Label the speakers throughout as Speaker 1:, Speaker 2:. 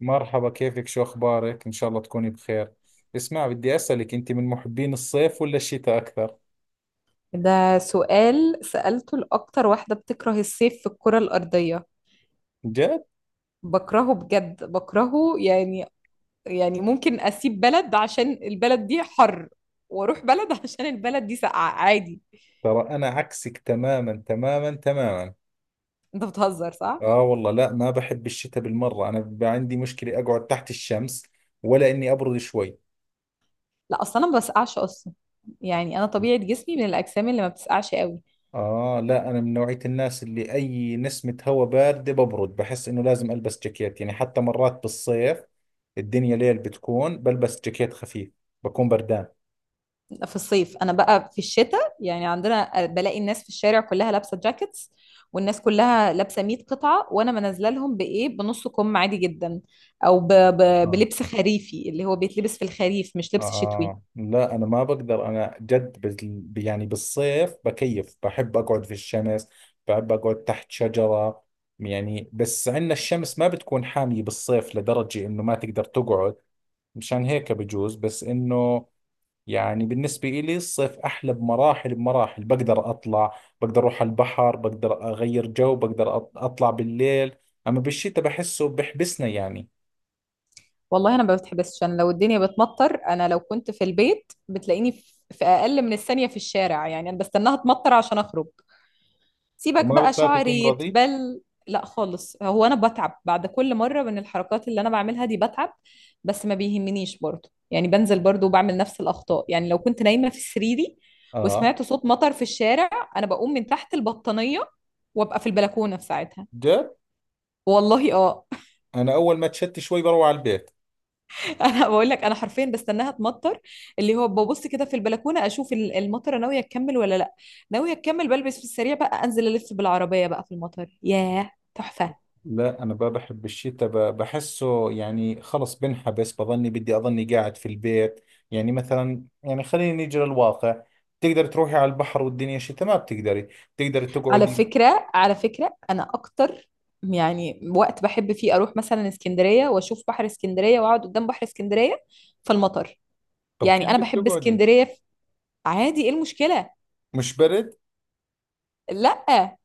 Speaker 1: مرحبا، كيفك؟ شو أخبارك؟ إن شاء الله تكوني بخير. اسمع، بدي أسألك، أنت من محبين الصيف ولا الشتاء أكثر؟
Speaker 2: ده سؤال سألته لأكتر واحدة بتكره الصيف في الكرة الأرضية.
Speaker 1: جد؟
Speaker 2: بكرهه بجد بكرهه يعني. يعني ممكن أسيب بلد عشان البلد دي حر، وأروح بلد عشان البلد دي ساقعة عادي.
Speaker 1: ترى أنا عكسك تماما تماما تماما.
Speaker 2: أنت بتهزر صح؟
Speaker 1: آه والله، لا، ما بحب الشتاء بالمرة. أنا بيبقى عندي مشكلة أقعد تحت الشمس ولا إني أبرد شوي.
Speaker 2: لا أصلا أنا ما بسقعش أصلا، يعني أنا طبيعة جسمي من الأجسام اللي ما بتسقعش قوي.
Speaker 1: آه لا، أنا من نوعية الناس اللي أي نسمة هواء باردة ببرد، بحس إنه لازم ألبس جاكيت، يعني حتى مرات بالصيف الدنيا ليل بتكون بلبس جاكيت خفيف، بكون بردان.
Speaker 2: في الصيف انا بقى في الشتاء، يعني عندنا بلاقي الناس في الشارع كلها لابسه جاكيتس، والناس كلها لابسه 100 قطعه وانا منزله لهم بايه بنص كم عادي جدا. او
Speaker 1: آه.
Speaker 2: بلبس خريفي اللي هو بيتلبس في الخريف مش لبس شتوي.
Speaker 1: آه لا، أنا ما بقدر. أنا جد يعني بالصيف بكيف، بحب أقعد في الشمس، بحب أقعد تحت شجرة، يعني بس عندنا الشمس ما بتكون حامية بالصيف لدرجة إنه ما تقدر تقعد. مشان هيك بجوز، بس إنه يعني بالنسبة إلي الصيف أحلى بمراحل بمراحل. بقدر أطلع، بقدر أروح على البحر، بقدر أغير جو، بقدر أطلع بالليل. أما بالشتاء بحسه بحبسنا يعني.
Speaker 2: والله انا ما بتحبسش، انا لو الدنيا بتمطر انا لو كنت في البيت بتلاقيني في اقل من الثانيه في الشارع. يعني انا بستناها تمطر عشان اخرج، سيبك
Speaker 1: وما
Speaker 2: بقى
Speaker 1: بتخافي
Speaker 2: شعري
Speaker 1: تمرضي؟
Speaker 2: يتبل. لا خالص، هو انا بتعب بعد كل مره من الحركات اللي انا بعملها دي بتعب، بس ما بيهمنيش برضو. يعني بنزل برضو وبعمل نفس الاخطاء. يعني لو كنت نايمه في سريري
Speaker 1: آه.
Speaker 2: وسمعت صوت مطر في الشارع، انا بقوم من تحت البطانيه وابقى في البلكونه في ساعتها.
Speaker 1: جد؟
Speaker 2: والله اه.
Speaker 1: انا اول ما تشتي شوي بروح على البيت.
Speaker 2: انا بقول لك انا حرفيا بستناها تمطر، اللي هو ببص كده في البلكونه اشوف المطره ناويه تكمل ولا لا. ناويه تكمل بلبس في السريع بقى انزل الف بالعربيه بقى في المطر، ياه تحفه.
Speaker 1: لا انا ما بحب الشتاء، بحسه يعني خلص بنحبس، بظني بدي اظني قاعد في البيت. يعني مثلا، يعني خلينا نيجي للواقع، تقدر تروحي على البحر والدنيا شتاء؟ ما بتقدري تقدر
Speaker 2: على
Speaker 1: تقعدي.
Speaker 2: فكرة على فكرة أنا أكتر، يعني وقت بحب فيه أروح مثلا اسكندرية وأشوف بحر اسكندرية وأقعد قدام بحر اسكندرية فالمطر.
Speaker 1: طب كيف
Speaker 2: يعني أنا
Speaker 1: بدك
Speaker 2: بحب
Speaker 1: تقعدي؟
Speaker 2: اسكندرية عادي، إيه المشكلة؟
Speaker 1: مش برد؟
Speaker 2: لأ.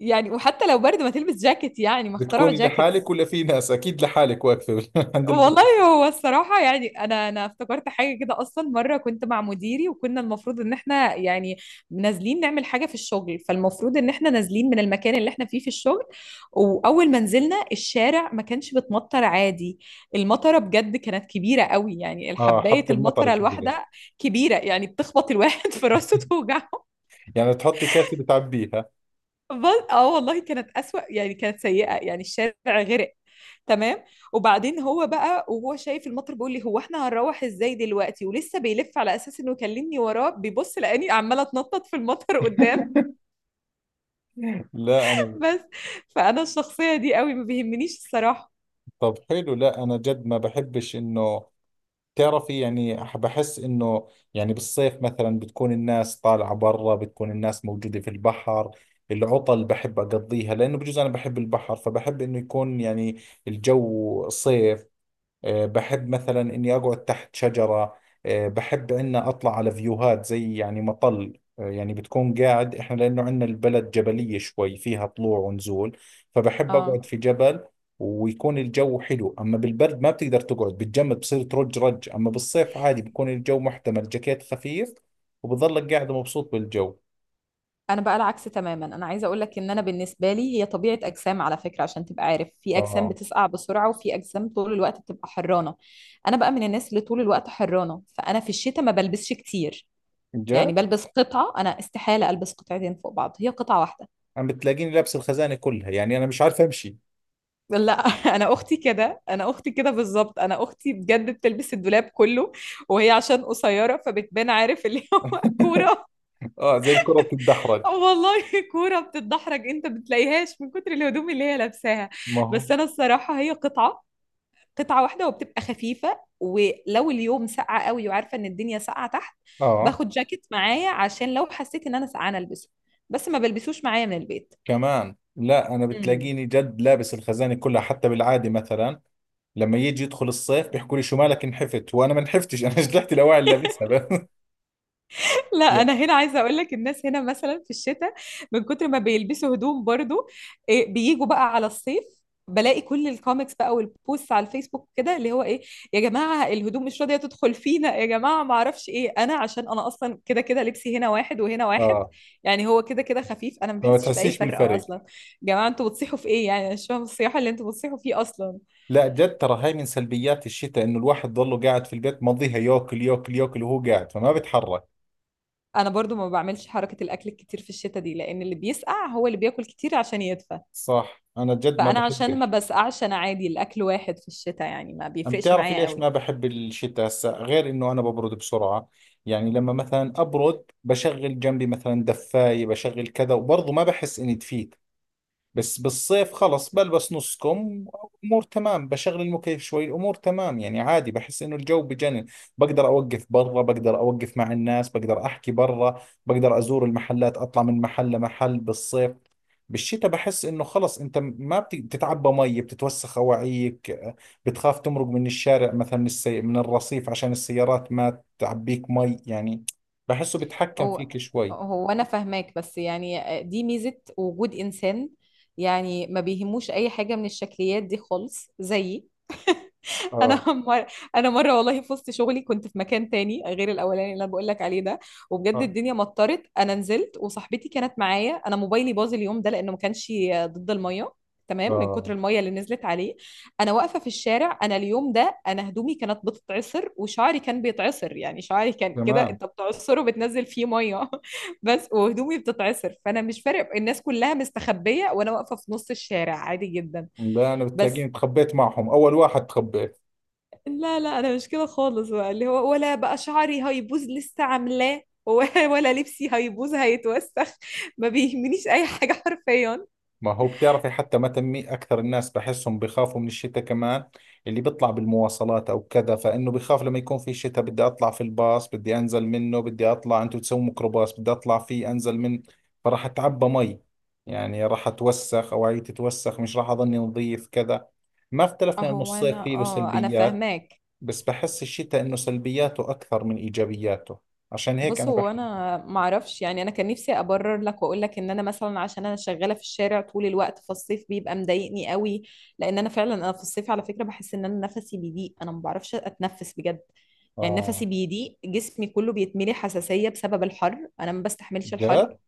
Speaker 2: يعني وحتى لو برد ما تلبس جاكيت، يعني ما اخترعوا
Speaker 1: بتكوني
Speaker 2: جاكيت.
Speaker 1: لحالك ولا في ناس؟ اكيد لحالك واقفه عند البحر.
Speaker 2: والله هو الصراحة، يعني أنا افتكرت حاجة كده. أصلا مرة كنت مع مديري وكنا المفروض إن إحنا يعني نازلين نعمل حاجة في الشغل، فالمفروض إن إحنا نازلين من المكان اللي إحنا فيه في الشغل، وأول ما نزلنا الشارع ما كانش بتمطر عادي. المطرة بجد كانت كبيرة قوي، يعني
Speaker 1: اه، حبة
Speaker 2: الحباية
Speaker 1: المطر
Speaker 2: المطرة
Speaker 1: كبيرة.
Speaker 2: الواحدة كبيرة، يعني بتخبط الواحد في راسه توجع.
Speaker 1: يعني تحطي كاسة بتعبيها.
Speaker 2: اه والله كانت أسوأ، يعني كانت سيئة، يعني الشارع غرق. تمام. وبعدين هو بقى وهو شايف المطر بيقول لي هو احنا هنروح ازاي دلوقتي، ولسه بيلف على اساس انه يكلمني وراه بيبص لاني عماله اتنطط في المطر قدام.
Speaker 1: لا انا.
Speaker 2: بس. فانا الشخصيه دي قوي ما بيهمنيش الصراحه.
Speaker 1: طب حلو، لا انا جد ما بحبش انه، تعرفي يعني بحس انه يعني بالصيف مثلا بتكون الناس طالعة برا، بتكون الناس موجودة في البحر، العطل بحب اقضيها لانه بجوز انا بحب البحر، فبحب انه يكون يعني الجو صيف. آه، بحب مثلا إني أقعد تحت شجرة. آه، بحب إني أطلع على فيوهات، زي يعني مطل. آه، يعني بتكون قاعد، إحنا لأنه عندنا البلد جبلية شوي، فيها طلوع ونزول، فبحب
Speaker 2: اه
Speaker 1: أقعد في جبل ويكون الجو حلو. أما بالبرد ما بتقدر تقعد، بتجمد، بصير ترج رج. أما بالصيف عادي، بكون الجو محتمل، جاكيت خفيف وبظلك قاعد مبسوط بالجو.
Speaker 2: انا بقى العكس تماما. انا عايزه اقول لك ان انا بالنسبه لي هي طبيعه اجسام على فكره، عشان تبقى عارف في اجسام
Speaker 1: آه.
Speaker 2: بتسقع بسرعه وفي اجسام طول الوقت بتبقى حرانه. انا بقى من الناس اللي طول الوقت حرانه، فانا في الشتاء ما بلبسش كتير.
Speaker 1: جد.
Speaker 2: يعني بلبس قطعة، أنا استحالة ألبس قطعتين فوق بعض، هي قطعة واحدة.
Speaker 1: عم بتلاقيني لابس الخزانة كلها، يعني أنا مش عارف أمشي.
Speaker 2: لا. أنا أختي كده، أنا أختي كده بالظبط، أنا أختي بجد بتلبس الدولاب كله، وهي عشان قصيرة فبتبان عارف اللي هو كورة.
Speaker 1: آه، زي الكرة بتتدحرج.
Speaker 2: والله كورة بتتدحرج، أنت بتلاقيهاش من كتر الهدوم اللي هي لابساها.
Speaker 1: ما هو.
Speaker 2: بس أنا الصراحة هي قطعة، قطعة واحدة وبتبقى خفيفة. ولو اليوم ساقعة قوي وعارفة إن الدنيا ساقعة تحت،
Speaker 1: آه
Speaker 2: باخد جاكيت معايا عشان لو حسيت إن أنا سقعانة ألبسه، بس ما بلبسوش معايا من البيت.
Speaker 1: كمان. لا انا بتلاقيني جد لابس الخزانه كلها، حتى بالعاده مثلا لما يجي يدخل الصيف بيحكوا لي شو مالك انحفت، وانا ما انحفتش، انا جلعت الاواعي اللي لابسها بس.
Speaker 2: لا
Speaker 1: يعني.
Speaker 2: انا هنا عايزه اقول لك الناس هنا مثلا في الشتاء من كتر ما بيلبسوا هدوم برضو، إيه، بيجوا بقى على الصيف بلاقي كل الكوميكس بقى والبوست على الفيسبوك كده اللي هو ايه، يا جماعه الهدوم مش راضيه تدخل فينا، يا جماعه ما اعرفش ايه. انا عشان انا اصلا كده كده لبسي هنا واحد وهنا واحد،
Speaker 1: اه،
Speaker 2: يعني هو كده كده خفيف، انا ما
Speaker 1: ما
Speaker 2: بحسش باي
Speaker 1: بتحسيش
Speaker 2: فرق
Speaker 1: بالفرق.
Speaker 2: اصلا. يا جماعه انتوا بتصيحوا في ايه؟ يعني أنا مش فاهمه الصياحه اللي انتوا بتصيحوا فيه اصلا.
Speaker 1: لا جد ترى، هاي من سلبيات الشتاء، انه الواحد ضله قاعد في البيت، مضيها ياكل ياكل ياكل وهو قاعد، فما بتحرك.
Speaker 2: انا برضو ما بعملش حركه الاكل الكتير في الشتاء دي، لان اللي بيسقع هو اللي بياكل كتير عشان يدفى،
Speaker 1: صح. انا جد ما
Speaker 2: فانا عشان ما
Speaker 1: بحبش.
Speaker 2: بسقعش انا عادي الاكل واحد في الشتاء، يعني ما
Speaker 1: عم
Speaker 2: بيفرقش
Speaker 1: تعرفي
Speaker 2: معايا
Speaker 1: ليش
Speaker 2: قوي.
Speaker 1: ما بحب الشتاء هسا؟ غير انه انا ببرد بسرعة، يعني لما مثلا ابرد بشغل جنبي مثلا دفاية، بشغل كذا وبرضه ما بحس اني دفيت. بس بالصيف خلص، بلبس نص كم، امور تمام، بشغل المكيف شوي الامور تمام. يعني عادي، بحس انه الجو بجنن. بقدر اوقف برا، بقدر اوقف مع الناس، بقدر احكي برا، بقدر ازور المحلات، اطلع من محل لمحل بالصيف. بالشتاء بحس انه خلص، انت ما بت- بتتعبى مي، بتتوسخ اواعيك، بتخاف تمرق من الشارع مثلا، من الرصيف عشان السيارات ما تعبيك مي يعني. بحسه بتحكم
Speaker 2: هو
Speaker 1: فيك شوي.
Speaker 2: هو انا فاهماك، بس يعني دي ميزة وجود انسان يعني ما بيهموش اي حاجة من الشكليات دي خالص زيي.
Speaker 1: اه.
Speaker 2: انا انا مره والله في وسط شغلي كنت في مكان تاني غير الاولاني اللي انا بقول لك عليه ده، وبجد
Speaker 1: اه.
Speaker 2: الدنيا مطرت، انا نزلت وصاحبتي كانت معايا، انا موبايلي باظ اليوم ده لانه ما كانش ضد الميه. تمام، من كتر
Speaker 1: اه.
Speaker 2: الميه اللي نزلت عليه. انا واقفه في الشارع، انا اليوم ده انا هدومي كانت بتتعصر وشعري كان بيتعصر، يعني شعري كان كده
Speaker 1: تمام.
Speaker 2: انت بتعصره بتنزل فيه ميه بس، وهدومي بتتعصر، فانا مش فارق الناس كلها مستخبيه وانا واقفه في نص الشارع عادي جدا.
Speaker 1: لا انا بتلاقيني
Speaker 2: بس.
Speaker 1: تخبيت معهم اول واحد، تخبيت.
Speaker 2: لا انا مش كده خالص بقى، اللي هو ولا بقى شعري هيبوظ لسه عاملاه ولا لبسي هيبوظ هيتوسخ، ما بيهمنيش اي حاجه حرفيا.
Speaker 1: ما هو بتعرفي، حتى ما تمي اكثر الناس بحسهم بخافوا من الشتاء كمان، اللي بيطلع بالمواصلات او كذا، فانه بخاف لما يكون في شتاء، بدي اطلع في الباص، بدي انزل منه، بدي اطلع، انتم تسووا ميكروباص، بدي اطلع فيه انزل من، فراح اتعبى مي، يعني راح اتوسخ اواعي تتوسخ، مش راح اظني نظيف كذا. ما اختلفنا انه
Speaker 2: هو
Speaker 1: الصيف
Speaker 2: انا
Speaker 1: فيه له
Speaker 2: اه انا
Speaker 1: سلبيات،
Speaker 2: فاهماك.
Speaker 1: بس بحس الشتاء انه سلبياته اكثر من ايجابياته، عشان هيك
Speaker 2: بص
Speaker 1: انا
Speaker 2: هو
Speaker 1: بحب.
Speaker 2: انا معرفش، يعني انا كان نفسي ابرر لك واقول لك ان انا مثلا عشان انا شغاله في الشارع طول الوقت فالصيف بيبقى مضايقني قوي، لان انا فعلا انا في الصيف على فكره بحس ان انا نفسي بيضيق، انا ما بعرفش اتنفس بجد. يعني
Speaker 1: اه.
Speaker 2: نفسي بيضيق، جسمي كله بيتملي حساسيه بسبب الحر، انا ما بستحملش الحر
Speaker 1: جد.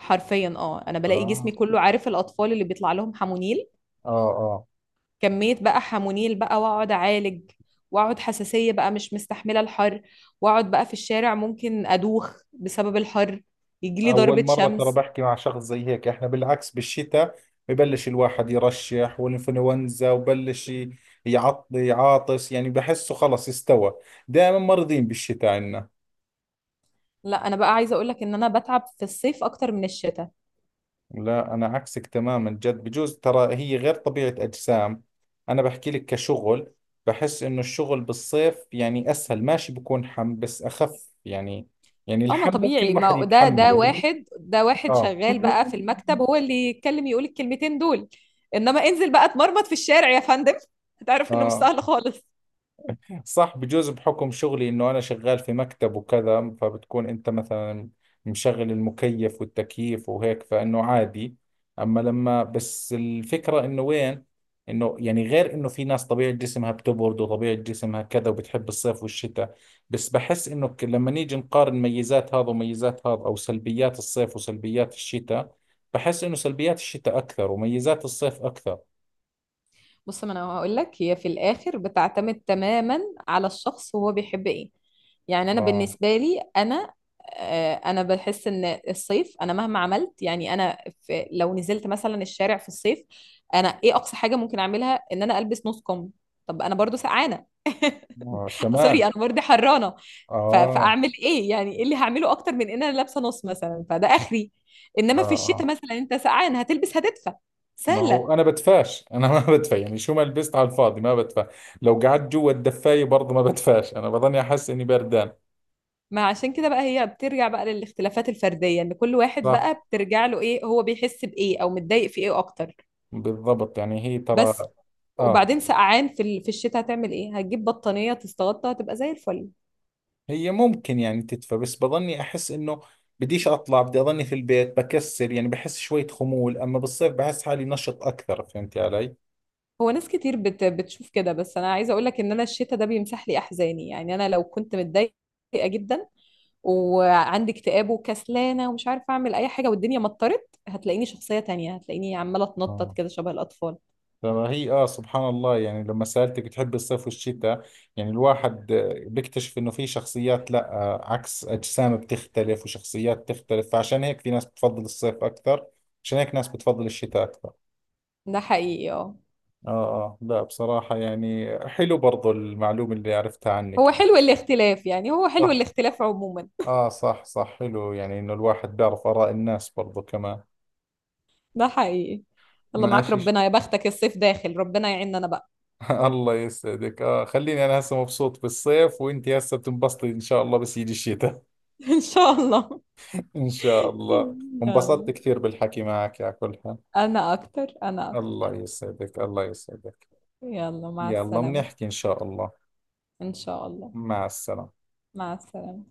Speaker 2: حرفيا. اه انا بلاقي
Speaker 1: آه.
Speaker 2: جسمي كله، عارف الاطفال اللي بيطلع لهم حمونيل،
Speaker 1: اه. اه.
Speaker 2: كمية بقى حمونيل بقى، واقعد اعالج واقعد حساسية بقى مش مستحملة الحر، واقعد بقى في الشارع ممكن ادوخ بسبب الحر، يجيلي
Speaker 1: اول
Speaker 2: ضربة
Speaker 1: مره ترى
Speaker 2: شمس.
Speaker 1: بحكي مع شخص زي هيك. احنا بالعكس، بالشتاء ببلش الواحد يرشح والانفلونزا، وبلش يعطي عاطس، يعني بحسه خلص استوى. دائما مرضين بالشتاء عنا.
Speaker 2: لا انا بقى عايزة اقولك ان انا بتعب في الصيف اكتر من الشتاء.
Speaker 1: لا انا عكسك تماما جد، بجوز ترى هي غير طبيعه اجسام. انا بحكي لك كشغل، بحس انه الشغل بالصيف يعني اسهل، ماشي بكون حم بس اخف، يعني يعني
Speaker 2: اه ما
Speaker 1: الحم ممكن
Speaker 2: طبيعي،
Speaker 1: الواحد
Speaker 2: ما ده ده
Speaker 1: يتحمله.
Speaker 2: واحد ده واحد
Speaker 1: اه.
Speaker 2: شغال بقى في المكتب هو اللي يتكلم يقول الكلمتين دول، انما انزل بقى اتمرمط في الشارع يا فندم هتعرف انه مش
Speaker 1: اه.
Speaker 2: سهل خالص.
Speaker 1: صح، بجوز بحكم شغلي انه انا شغال في مكتب وكذا، فبتكون انت مثلا مشغل المكيف والتكييف وهيك، فانه عادي. اما لما بس، الفكرة انه وين، انه يعني غير انه في ناس طبيعة جسمها بتبرد، وطبيعة جسمها كذا، وبتحب الصيف والشتاء. بس بحس انه لما نيجي نقارن ميزات هذا وميزات هذا، او سلبيات الصيف وسلبيات الشتاء، بحس انه سلبيات الشتاء اكثر، وميزات الصيف اكثر.
Speaker 2: بص ما انا هقول لك هي في الاخر بتعتمد تماما على الشخص وهو بيحب ايه. يعني انا
Speaker 1: اه.
Speaker 2: بالنسبه لي انا آه، انا بحس ان الصيف، انا مهما عملت، يعني انا في لو نزلت مثلا الشارع في الصيف، انا ايه اقصى حاجه ممكن اعملها، ان انا البس نص كم. طب انا برضو سقعانه.
Speaker 1: آه.
Speaker 2: سوري
Speaker 1: كمان.
Speaker 2: انا برضو حرانه.
Speaker 1: اه.
Speaker 2: فاعمل ايه؟ يعني ايه اللي هعمله اكتر من ان انا لابسه نص مثلا، فده اخري.
Speaker 1: اه.
Speaker 2: انما في
Speaker 1: آه.
Speaker 2: الشتاء مثلا انت سقعان هتلبس هتدفى،
Speaker 1: ما هو
Speaker 2: سهله.
Speaker 1: انا بدفاش، انا ما بدفى، يعني شو ما لبست على الفاضي ما بدفى. لو قعدت جوا الدفاية برضه ما بدفاش، انا بظني احس اني بردان.
Speaker 2: ما عشان كده بقى، هي بترجع بقى للاختلافات الفردية ان كل واحد
Speaker 1: صح.
Speaker 2: بقى بترجع له ايه، هو بيحس بايه او متضايق في ايه اكتر.
Speaker 1: بالضبط، يعني هي ترى.
Speaker 2: بس.
Speaker 1: اه.
Speaker 2: وبعدين سقعان في في الشتاء هتعمل ايه؟ هتجيب بطانية تستغطى هتبقى زي الفل.
Speaker 1: هي ممكن يعني تدفى، بس بظني احس انه بديش اطلع، بدي اظني في البيت، بكسل يعني، بحس شوية خمول. اما بالصيف بحس حالي نشط اكثر، فهمتي علي؟
Speaker 2: هو ناس كتير بتشوف كده، بس انا عايزة اقول لك ان انا الشتاء ده بيمسح لي احزاني، يعني انا لو كنت متضايقة جدا وعندي اكتئاب وكسلانة ومش عارفة اعمل اي حاجة والدنيا مطرت، هتلاقيني شخصية تانية، هتلاقيني عمالة اتنطط كده شبه الاطفال.
Speaker 1: فما هي، اه سبحان الله، يعني لما سألتك بتحب الصيف والشتاء، يعني الواحد آه، بيكتشف انه في شخصيات، لا آه، عكس، اجسام بتختلف وشخصيات تختلف، فعشان هيك في ناس بتفضل الصيف اكثر، عشان هيك ناس بتفضل الشتاء اكثر.
Speaker 2: ده حقيقي اه.
Speaker 1: اه اه. لا بصراحة، يعني حلو برضو المعلومة اللي عرفتها عنك
Speaker 2: هو
Speaker 1: يعني.
Speaker 2: حلو الاختلاف، يعني هو حلو
Speaker 1: صح.
Speaker 2: الاختلاف عموما.
Speaker 1: اه صح صح، حلو يعني انه الواحد بيعرف اراء الناس برضو كمان.
Speaker 2: ده حقيقي. يلا معاك
Speaker 1: ماشي.
Speaker 2: ربنا، يا بختك الصيف داخل، ربنا يعيننا انا بقى.
Speaker 1: الله يسعدك. اه، خليني انا هسه مبسوط بالصيف، وانت هسه بتنبسطي ان شاء الله بس يجي الشتاء.
Speaker 2: ان شاء الله.
Speaker 1: إن شاء الله. انبسطت
Speaker 2: يلا،
Speaker 1: كثير بالحكي معك على كل حال.
Speaker 2: انا اكتر انا
Speaker 1: الله
Speaker 2: اكتر.
Speaker 1: يسعدك، الله يسعدك.
Speaker 2: يلا مع
Speaker 1: يلا
Speaker 2: السلامة.
Speaker 1: بنحكي إن شاء الله.
Speaker 2: ان شاء الله.
Speaker 1: مع السلامة.
Speaker 2: مع السلامة.